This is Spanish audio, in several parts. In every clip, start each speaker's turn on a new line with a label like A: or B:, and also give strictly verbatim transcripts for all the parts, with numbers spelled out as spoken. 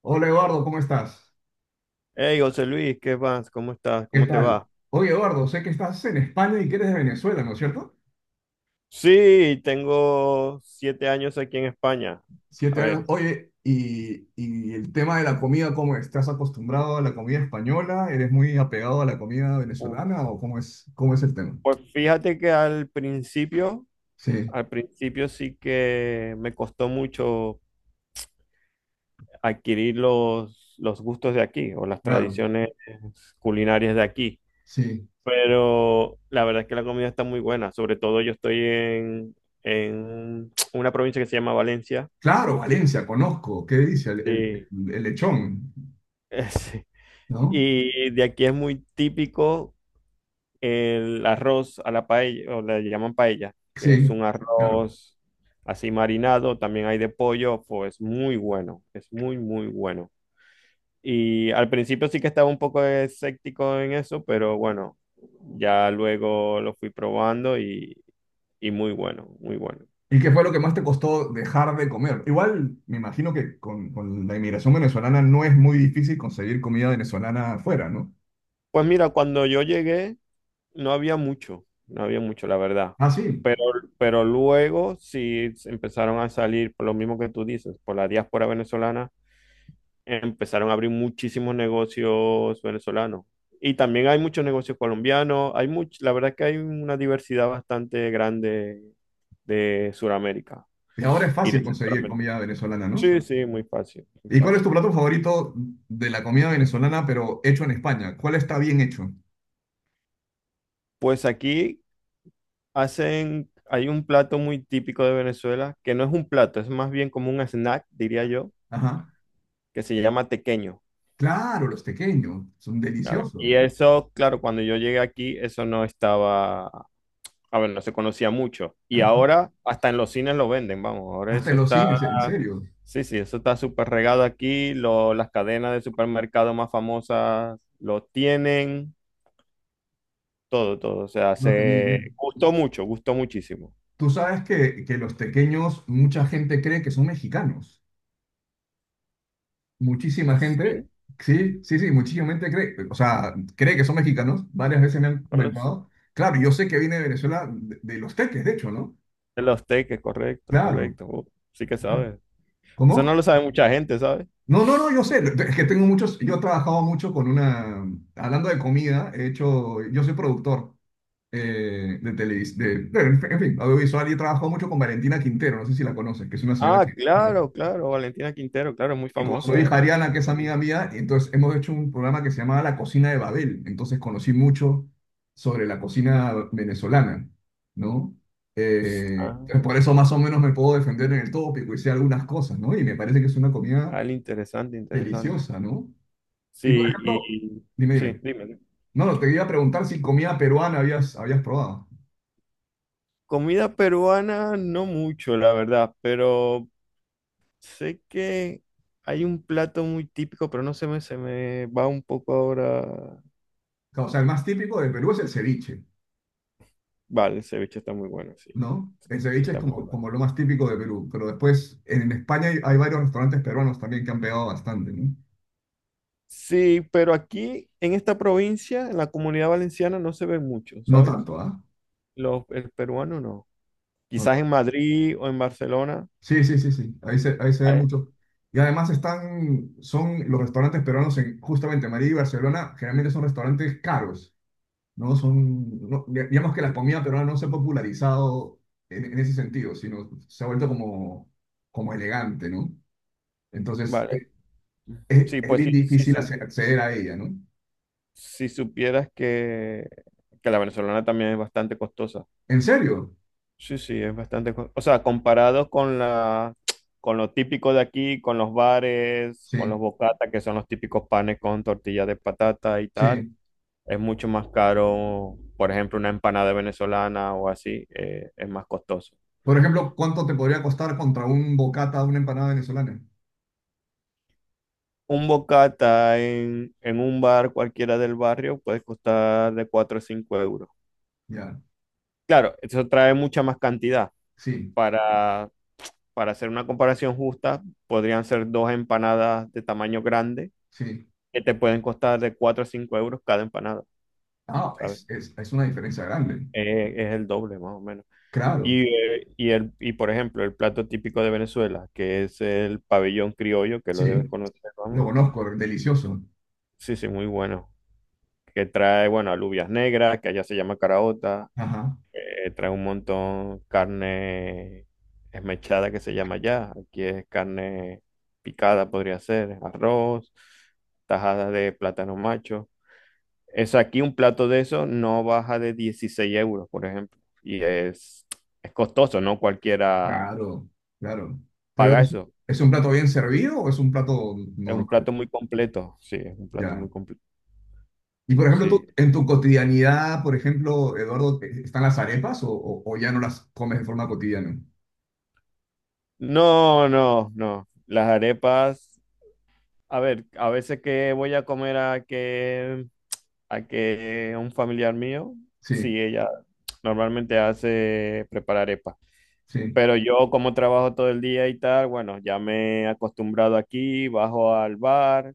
A: Hola Eduardo, ¿cómo estás?
B: Hey, José Luis, ¿qué vas? ¿Cómo estás?
A: ¿Qué
B: ¿Cómo te
A: tal?
B: va?
A: Oye Eduardo, sé que estás en España y que eres de Venezuela, ¿no es cierto?
B: Sí, tengo siete años aquí en España. A
A: Siete años.
B: ver,
A: Oye, y, y el tema de la comida, ¿cómo es? ¿Estás acostumbrado a la comida española? ¿Eres muy apegado a la comida
B: Uh,
A: venezolana o cómo es, cómo es el tema?
B: pues fíjate que al principio,
A: Sí,
B: al principio sí que me costó mucho adquirir los, los gustos de aquí o las
A: claro,
B: tradiciones culinarias de aquí.
A: sí.
B: Pero la verdad es que la comida está muy buena. Sobre todo yo estoy en, en una provincia que se llama Valencia.
A: Claro, Valencia, conozco. ¿Qué dice? El, el,
B: Y,
A: el lechón,
B: sí.
A: ¿no?
B: Y de aquí es muy típico el arroz a la paella, o le llaman paella, que es
A: Sí,
B: un
A: claro.
B: arroz así marinado, también hay de pollo, pues es muy bueno, es muy, muy bueno. Y al principio sí que estaba un poco escéptico en eso, pero bueno, ya luego lo fui probando y, y muy bueno, muy bueno.
A: ¿Y qué fue lo que más te costó dejar de comer? Igual me imagino que con, con la inmigración venezolana no es muy difícil conseguir comida venezolana afuera, ¿no?
B: Pues mira, cuando yo llegué no había mucho, no había mucho, la verdad.
A: Ah, sí.
B: Pero, pero luego sí empezaron a salir, por lo mismo que tú dices, por la diáspora venezolana, empezaron a abrir muchísimos negocios venezolanos. Y también hay muchos negocios colombianos, hay much- la verdad es que hay una diversidad bastante grande de Sudamérica
A: Y ahora es
B: y de
A: fácil conseguir
B: Centroamérica.
A: comida venezolana, ¿no?
B: Sí, sí, muy fácil, muy
A: ¿Y cuál es tu
B: fácil.
A: plato favorito de la comida venezolana, pero hecho en España? ¿Cuál está bien hecho?
B: Pues aquí hacen, hay un plato muy típico de Venezuela, que no es un plato, es más bien como un snack, diría yo,
A: Ajá.
B: que se llama tequeño.
A: Claro, los tequeños son
B: Claro. Y
A: deliciosos.
B: eso, claro, cuando yo llegué aquí, eso no estaba. A ver, no se conocía mucho. Y
A: Ajá.
B: ahora hasta en los cines lo venden, vamos. Ahora
A: Hasta
B: eso
A: en los
B: está,
A: cines, ¿en serio?
B: sí, sí, eso está súper regado aquí. Lo- las cadenas de supermercado más famosas lo tienen, todo, todo. O sea,
A: No, también.
B: se
A: eh,
B: gustó mucho, gustó muchísimo.
A: Tú sabes que, que los tequeños, mucha gente cree que son mexicanos. Muchísima gente,
B: Sí,
A: sí, sí, sí, muchísima gente cree, o sea, cree que son mexicanos, varias veces me han
B: no lo sé.
A: comentado. Claro, yo sé que viene de Venezuela, de, de los teques, de hecho, ¿no?
B: De los teques, correcto,
A: Claro,
B: correcto. Uh, sí que
A: claro.
B: sabes. Eso no
A: ¿Cómo?
B: lo sabe mucha gente, ¿sabes?
A: No, no, no, yo sé, es que tengo muchos, yo he trabajado mucho con una, hablando de comida, he hecho, yo soy productor, eh, de televisión, de, de- en fin, audiovisual, y he trabajado mucho con Valentina Quintero, no sé si la conoces, que es una señora que,
B: Ah, claro, claro. Valentina Quintero, claro, es muy
A: y con su
B: famosa. eh.
A: hija Ariana, que es amiga mía, y entonces hemos hecho un programa que se llamaba La Cocina de Babel. Entonces conocí mucho sobre la cocina venezolana, ¿no? Eh,
B: Ah,
A: por eso más o menos me puedo defender en el tópico y sé algunas cosas, ¿no? Y me parece que es una comida
B: al- interesante, interesante.
A: deliciosa, ¿no?
B: Sí,
A: Y por ejemplo,
B: y
A: dime,
B: sí,
A: dime.
B: dime.
A: No, no, te iba a preguntar si comida peruana habías, habías probado.
B: Comida peruana, no mucho, la verdad, pero sé que hay un plato muy típico, pero no se me, se me va un poco ahora.
A: O sea, el más típico de Perú es el ceviche,
B: Vale, el ceviche está muy bueno, sí,
A: ¿no? El
B: sí
A: ceviche es
B: está muy
A: como,
B: bueno.
A: como lo más típico de Perú, pero después en España hay, hay varios restaurantes peruanos también que han pegado bastante, ¿no?
B: Sí, pero aquí en esta provincia, en la Comunidad Valenciana, no se ve mucho,
A: No
B: ¿sabes?
A: tanto, ¿ah?
B: Los, el peruano no.
A: No
B: Quizás
A: tanto.
B: en Madrid o en Barcelona.
A: Sí, sí, sí, sí, ahí se, ahí se ve
B: eh,
A: mucho. Y además están, son los restaurantes peruanos en justamente Madrid y Barcelona, generalmente son restaurantes caros, ¿no? Son, no- digamos que la comida peruana no se ha popularizado en, en ese sentido, sino se ha vuelto como, como elegante, ¿no? Entonces,
B: Vale,
A: es, es
B: sí,
A: es
B: pues
A: bien
B: sí, sí,
A: difícil
B: su
A: acce- acceder a ella, ¿no?
B: si supieras que, que, la venezolana también es bastante costosa.
A: ¿En serio?
B: Sí, sí, es bastante costosa. O sea, comparado con la, con lo típico de aquí, con los bares, con los
A: Sí.
B: bocatas, que son los típicos panes con tortilla de patata y tal,
A: Sí.
B: es mucho más caro, por ejemplo, una empanada venezolana o así, eh, es más costoso.
A: Por ejemplo, ¿cuánto te podría costar contra un bocata, una empanada venezolana?
B: Un bocata en, en, un bar cualquiera del barrio puede costar de cuatro o cinco euros.
A: Ya,
B: Claro, eso trae mucha más cantidad
A: sí,
B: para para hacer una comparación justa, podrían ser dos empanadas de tamaño grande
A: sí.
B: que te pueden costar de cuatro a cinco euros cada empanada,
A: Ah,
B: ¿sabes?
A: es, es, es una diferencia grande.
B: Eh, es el doble más o menos.
A: Claro,
B: Y, eh, y, el, y por ejemplo, el plato típico de Venezuela, que es el pabellón criollo, que lo debes
A: sí,
B: conocer, vamos.
A: lo conozco, delicioso.
B: Sí, sí, muy bueno. Que trae, bueno, alubias negras, que allá se llama caraota,
A: Ajá,
B: que trae un montón carne esmechada que se llama ya. Aquí es carne picada, podría ser, arroz, tajada de plátano macho. Es aquí un plato de eso no baja de dieciséis euros, por ejemplo. Y es, es costoso, no cualquiera
A: claro, claro. Pero,
B: paga
A: ¿es,
B: eso.
A: es un plato bien servido o es un plato
B: Es un
A: normal?
B: plato muy completo. Sí, es un plato
A: Ya.
B: muy completo.
A: Y por ejemplo, tú,
B: Sí.
A: en tu cotidianidad, por ejemplo, Eduardo, ¿e- ¿están las arepas, o, o, o ya no las comes de forma cotidiana?
B: No, no, no. Las arepas, a ver, a veces que voy a comer a que a que un familiar mío,
A: Sí,
B: sí, ella normalmente hace preparar arepa.
A: sí,
B: Pero yo como trabajo todo el día y tal, bueno, ya me he acostumbrado aquí, bajo al bar.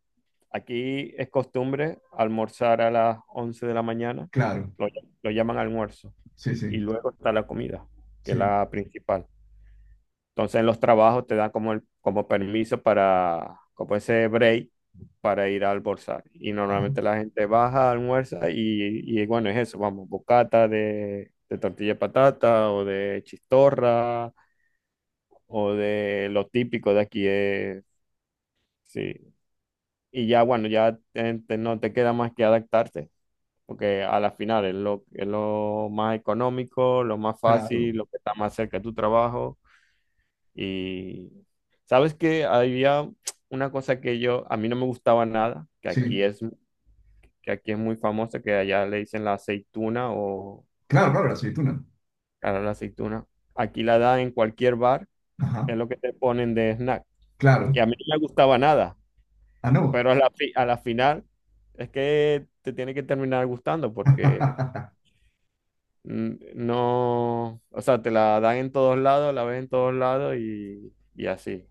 B: Aquí es costumbre almorzar a las once de la mañana,
A: claro,
B: lo, lo llaman almuerzo,
A: sí,
B: y
A: sí,
B: luego está la comida, que es
A: sí.
B: la principal. Entonces en los trabajos te dan como, el- como permiso para, como ese break para ir a almorzar. Y
A: Ajá,
B: normalmente la gente baja, almuerza y, y bueno, es eso, vamos, bocata de, de, tortilla de patata o de chistorra o de lo típico de aquí es, sí. Y ya bueno, ya te- te- no te queda más que adaptarte, porque a la final es lo, es lo, más económico, lo más
A: claro.
B: fácil, lo que está más cerca de tu trabajo. Y sabes que había una cosa que yo, a mí no me gustaba nada, que aquí
A: Sí,
B: es, que aquí es muy famosa, que allá le dicen la aceituna o
A: claro, claro, la aceituna.
B: cara la aceituna. Aquí la dan en cualquier bar,
A: Ajá,
B: es lo que te ponen de snack. Y
A: claro.
B: a mí no me gustaba nada,
A: Ah, no.
B: pero a la, fi- a la final es que te tiene que terminar gustando porque mm, no, o sea, te la dan en todos lados, la ves en todos lados y, y así.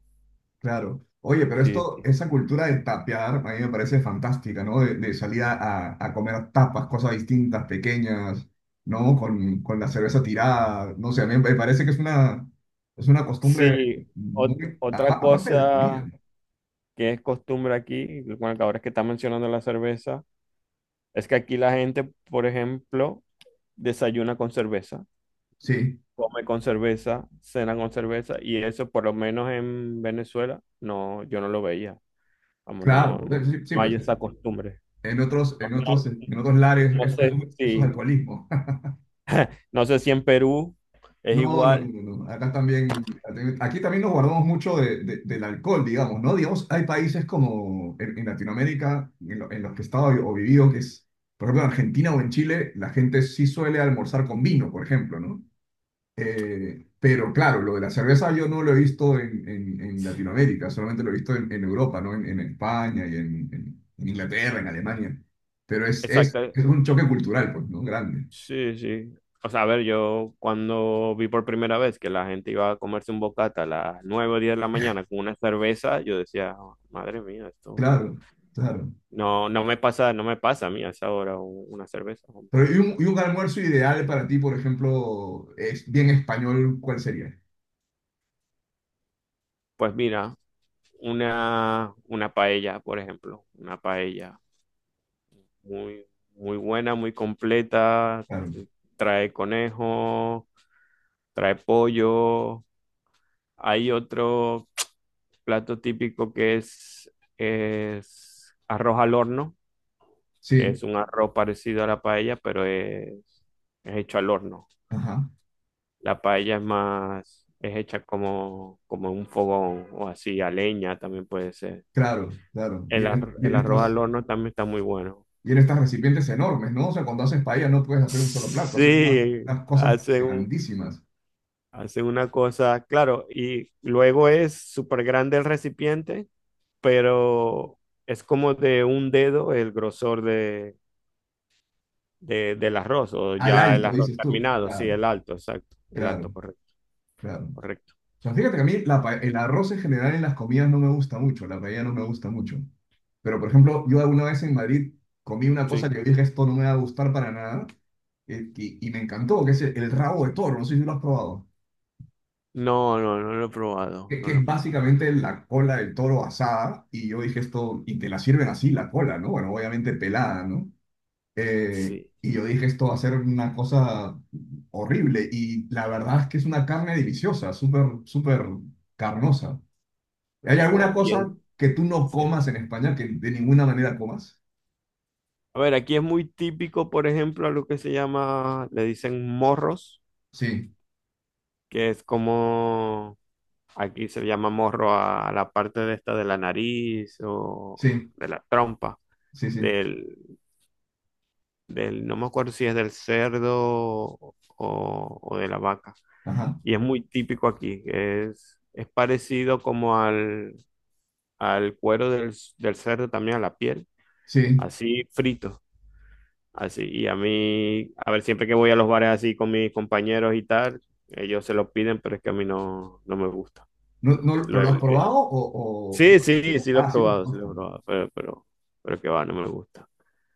A: Claro. Oye, pero
B: Sí,
A: esto, esa cultura de tapear, a mí me parece fantástica, ¿no? De, de salir a, a- a comer tapas, cosas distintas, pequeñas, ¿no? Con, con la cerveza tirada, no sé, a mí me parece que es una, es una costumbre
B: sí, ot-
A: muy, a-
B: otra
A: aparte de la comida,
B: cosa
A: ¿no?
B: que es costumbre aquí, bueno, que ahora es que está mencionando la cerveza, es que aquí la gente, por ejemplo, desayuna con cerveza,
A: Sí,
B: come con cerveza, cena con cerveza, y eso por lo menos en Venezuela, no, yo no lo veía. Vamos, no,
A: claro,
B: no,
A: sí, sí,
B: no hay
A: pues
B: esa costumbre.
A: en otros,
B: No,
A: en otros,
B: no-
A: en otros lares,
B: no
A: es- es-
B: sé
A: eso es
B: si,
A: alcoholismo.
B: no sé si en Perú es
A: No, no, no,
B: igual.
A: no, no. Acá también, aquí también nos guardamos mucho de, de- del alcohol, digamos, ¿no? Digamos, hay países como en, en Latinoamérica, en, lo- en los que he estado o vivido, que es, por ejemplo, en Argentina o en Chile, la gente sí suele almorzar con vino, por ejemplo, ¿no? Eh, pero claro, lo de la cerveza yo no lo he visto en, en, en Latinoamérica, solamente lo he visto en, en Europa, ¿no? En, en España y en, en- en Inglaterra, en Alemania. Pero es, es,
B: Exacto,
A: es un choque cultural, pues, ¿no? Grande.
B: sí, sí. O sea, a ver, yo cuando vi por primera vez que la gente iba a comerse un bocata a las nueve o diez de la mañana con una cerveza, yo decía, "Oh, madre mía, esto
A: Claro, claro.
B: no, no me pasa, no me pasa a mí a esa hora u- una cerveza.
A: Pero, y, un, y un almuerzo ideal para ti, por ejemplo, es bien español, ¿cuál sería?
B: Pues mira, una, una paella, por ejemplo, una paella muy, muy buena, muy completa,
A: Claro.
B: trae conejo, trae pollo, hay otro plato típico que es, es arroz al horno, que
A: Sí,
B: es un arroz parecido a la paella, pero es, es hecho al horno.
A: ajá,
B: La paella es más, es hecha como, como, en un fogón o así, a leña también puede ser.
A: claro, claro. Y
B: El,
A: en,
B: ar-
A: y
B: el
A: en
B: arroz al
A: estas,
B: horno también está muy bueno.
A: y en estas recipientes enormes, ¿no? O sea, cuando haces paella no puedes hacer un solo plato, haces unas,
B: Sí,
A: unas cosas
B: hacen un-
A: grandísimas.
B: hacen una cosa, claro, y luego es súper grande el recipiente, pero es como de un dedo el grosor de de- del arroz o
A: Al
B: ya el
A: alto,
B: arroz
A: dices tú.
B: terminado, sí,
A: Claro,
B: el alto, exacto, el alto,
A: claro,
B: correcto,
A: claro. O
B: correcto.
A: sea, fíjate que a mí la pa- el arroz en general en las comidas no me gusta mucho, la paella no me gusta mucho. Pero, por ejemplo, yo alguna vez en Madrid comí una cosa
B: Sí.
A: que dije, esto no me va a gustar para nada, eh, y, y me encantó, que es el, el rabo de toro, no sé si lo has probado,
B: No, no, no lo he probado,
A: que,
B: no
A: que
B: lo he
A: es
B: probado.
A: básicamente la cola del toro asada, y yo dije esto, y te la sirven así, la cola, ¿no? Bueno, obviamente pelada, ¿no? Eh,
B: Sí.
A: y yo dije, esto va a ser una cosa horrible, y la verdad es que es una carne deliciosa, súper, súper carnosa. ¿Hay alguna
B: Fo- y es-
A: cosa que tú no
B: sí.
A: comas en España que de ninguna manera comas?
B: A ver, aquí es muy típico, por ejemplo, a lo que se llama, le dicen morros,
A: Sí,
B: que es como aquí se llama morro a la parte de esta de la nariz o
A: sí,
B: de la trompa
A: sí, sí.
B: del, del, no me acuerdo si es del cerdo o, o de la vaca.
A: Ajá,
B: Y es muy típico aquí. Es, es parecido como al, al, cuero del, del cerdo, también a la piel,
A: sí.
B: así frito, así. Y a mí, a ver, siempre que voy a los bares así con mis compañeros y tal, ellos se lo piden, pero es que a mí no, no me gusta.
A: No, no, ¿pero
B: Lo-
A: lo has probado
B: le-
A: o, o-
B: sí, sí, sí lo he
A: Ah, sí lo
B: probado, sí
A: probaste.
B: lo he probado, pero, pero, pero que va, no me gusta.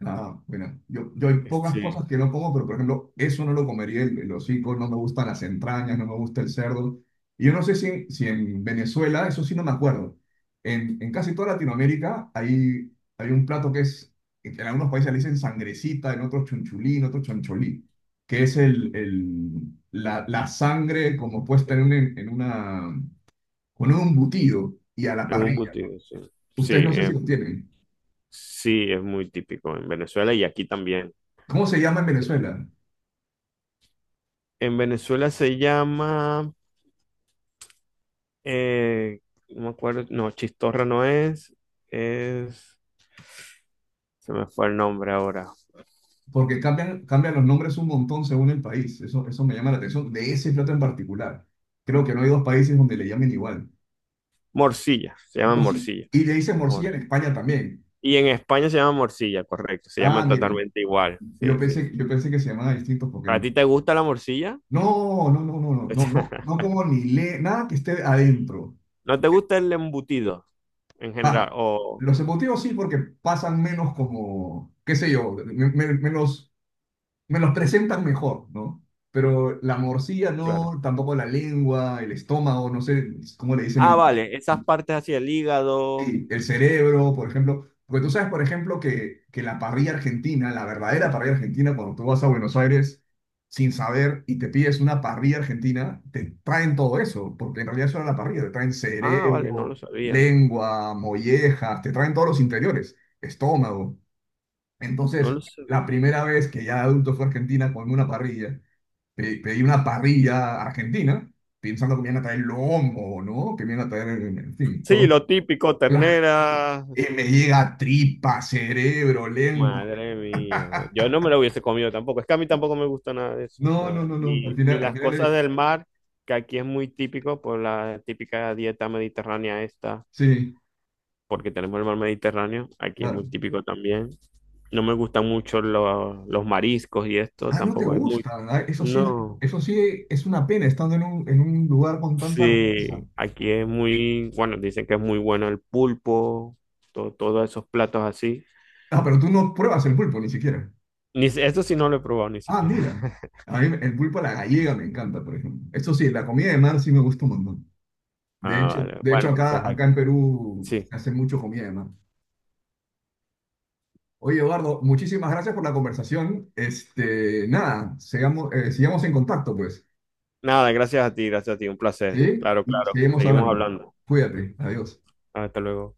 A: Ah, bueno, yo, yo hay pocas cosas
B: Sí,
A: que no como, pero por ejemplo, eso no lo comería, el, el hocico, no me gustan las entrañas, no me gusta el cerdo. Y yo no sé si, si en Venezuela, eso sí no me acuerdo. En, en casi toda Latinoamérica hay, hay un plato que es, en algunos países le dicen sangrecita, en otros chunchulí, en otros choncholí, que es el, el, la, la sangre como puesta
B: es
A: en, un, en una, con un embutido y a la
B: un
A: parrilla.
B: embutido, sí. Sí,
A: Ustedes no sé si
B: eh,
A: lo tienen.
B: sí, es muy típico en Venezuela y aquí también.
A: ¿Cómo se llama en Venezuela?
B: En Venezuela se llama, Eh, no me acuerdo, no, chistorra no es, es, se me fue el nombre ahora.
A: Porque cambian, cambian los nombres un montón según el país. Eso, eso me llama la atención de ese plato en particular. Creo que no hay dos países donde le llamen igual.
B: Morcilla, se llama
A: Morci-
B: morcilla.
A: Y le dicen
B: Mor-
A: morcilla en España también.
B: y en España se llama morcilla, correcto, se
A: Ah,
B: llama
A: mira.
B: totalmente igual.
A: Yo
B: Sí, sí. Sí.
A: pensé, yo pensé que se llamaban distintos
B: ¿A
A: porque...
B: ti te gusta la morcilla?
A: No, no, no, no, no, no, no. No como ni le... Nada que esté adentro.
B: ¿No te gusta el embutido en general?
A: Ah,
B: O,
A: los emotivos sí porque pasan menos como... qué sé yo, me- me- menos me los presentan mejor, ¿no? Pero la morcilla
B: claro.
A: no, tampoco la lengua, el estómago, no sé cómo le dicen
B: Ah, vale, esas
A: en-
B: partes hacia el hígado.
A: Sí, el cerebro, por ejemplo. Porque tú sabes, por ejemplo, que, que la parrilla argentina, la verdadera parrilla argentina, cuando tú vas a Buenos Aires sin saber y te pides una parrilla argentina, te traen todo eso, porque en realidad eso era la parrilla, te traen
B: Ah, vale, no lo
A: cerebro,
B: sabía.
A: lengua, mollejas, te traen todos los interiores, estómago.
B: No
A: Entonces,
B: lo
A: la
B: sabía.
A: primera vez que ya de adulto fue a Argentina con una parrilla, pe- pedí una parrilla argentina, pensando que me iban a traer lomo, ¿no? Que me iban a traer, en fin,
B: Sí,
A: todo.
B: lo típico,
A: Claro.
B: ternera.
A: Y me llega tripa, cerebro, lengua.
B: Madre mía, man. Yo no me lo hubiese comido tampoco. Es que a mí tampoco me gusta nada de eso,
A: No,
B: nada.
A: no, no, no. Al
B: Ni, ni
A: final, al
B: las
A: final,
B: cosas
A: eh,
B: del mar, que aquí es muy típico por la típica dieta mediterránea esta,
A: sí,
B: porque tenemos el mar Mediterráneo, aquí es
A: claro.
B: muy típico también. No me gustan mucho los los mariscos y esto,
A: Ah, no te
B: tampoco es muy.
A: gusta. Ah, eso sí, es-
B: No,
A: eso sí es una pena estando en un, en un lugar con tanta raza.
B: sí, aquí es muy, bueno, dicen que es muy bueno el pulpo, to- todos esos platos así.
A: Ah, pero tú no pruebas el pulpo ni siquiera.
B: Ni, si- Eso sí no lo he probado ni
A: Ah,
B: siquiera.
A: mira. A mí el pulpo a la gallega me encanta, por ejemplo. Eso sí, la comida de mar sí me gusta un montón. De
B: Ah,
A: hecho,
B: vale.
A: de hecho
B: Bueno, pues
A: acá, acá en
B: aquí.
A: Perú
B: Sí.
A: se hace mucho comida, además. Oye, Eduardo, muchísimas gracias por la conversación. Este, nada, sigamos, eh, sigamos en contacto, pues.
B: Nada, gracias a ti, gracias a ti, un placer.
A: ¿Sí?
B: Claro,
A: Y
B: claro.
A: seguimos
B: Seguimos
A: hablando.
B: hablando.
A: Cuídate. Adiós.
B: Hasta luego.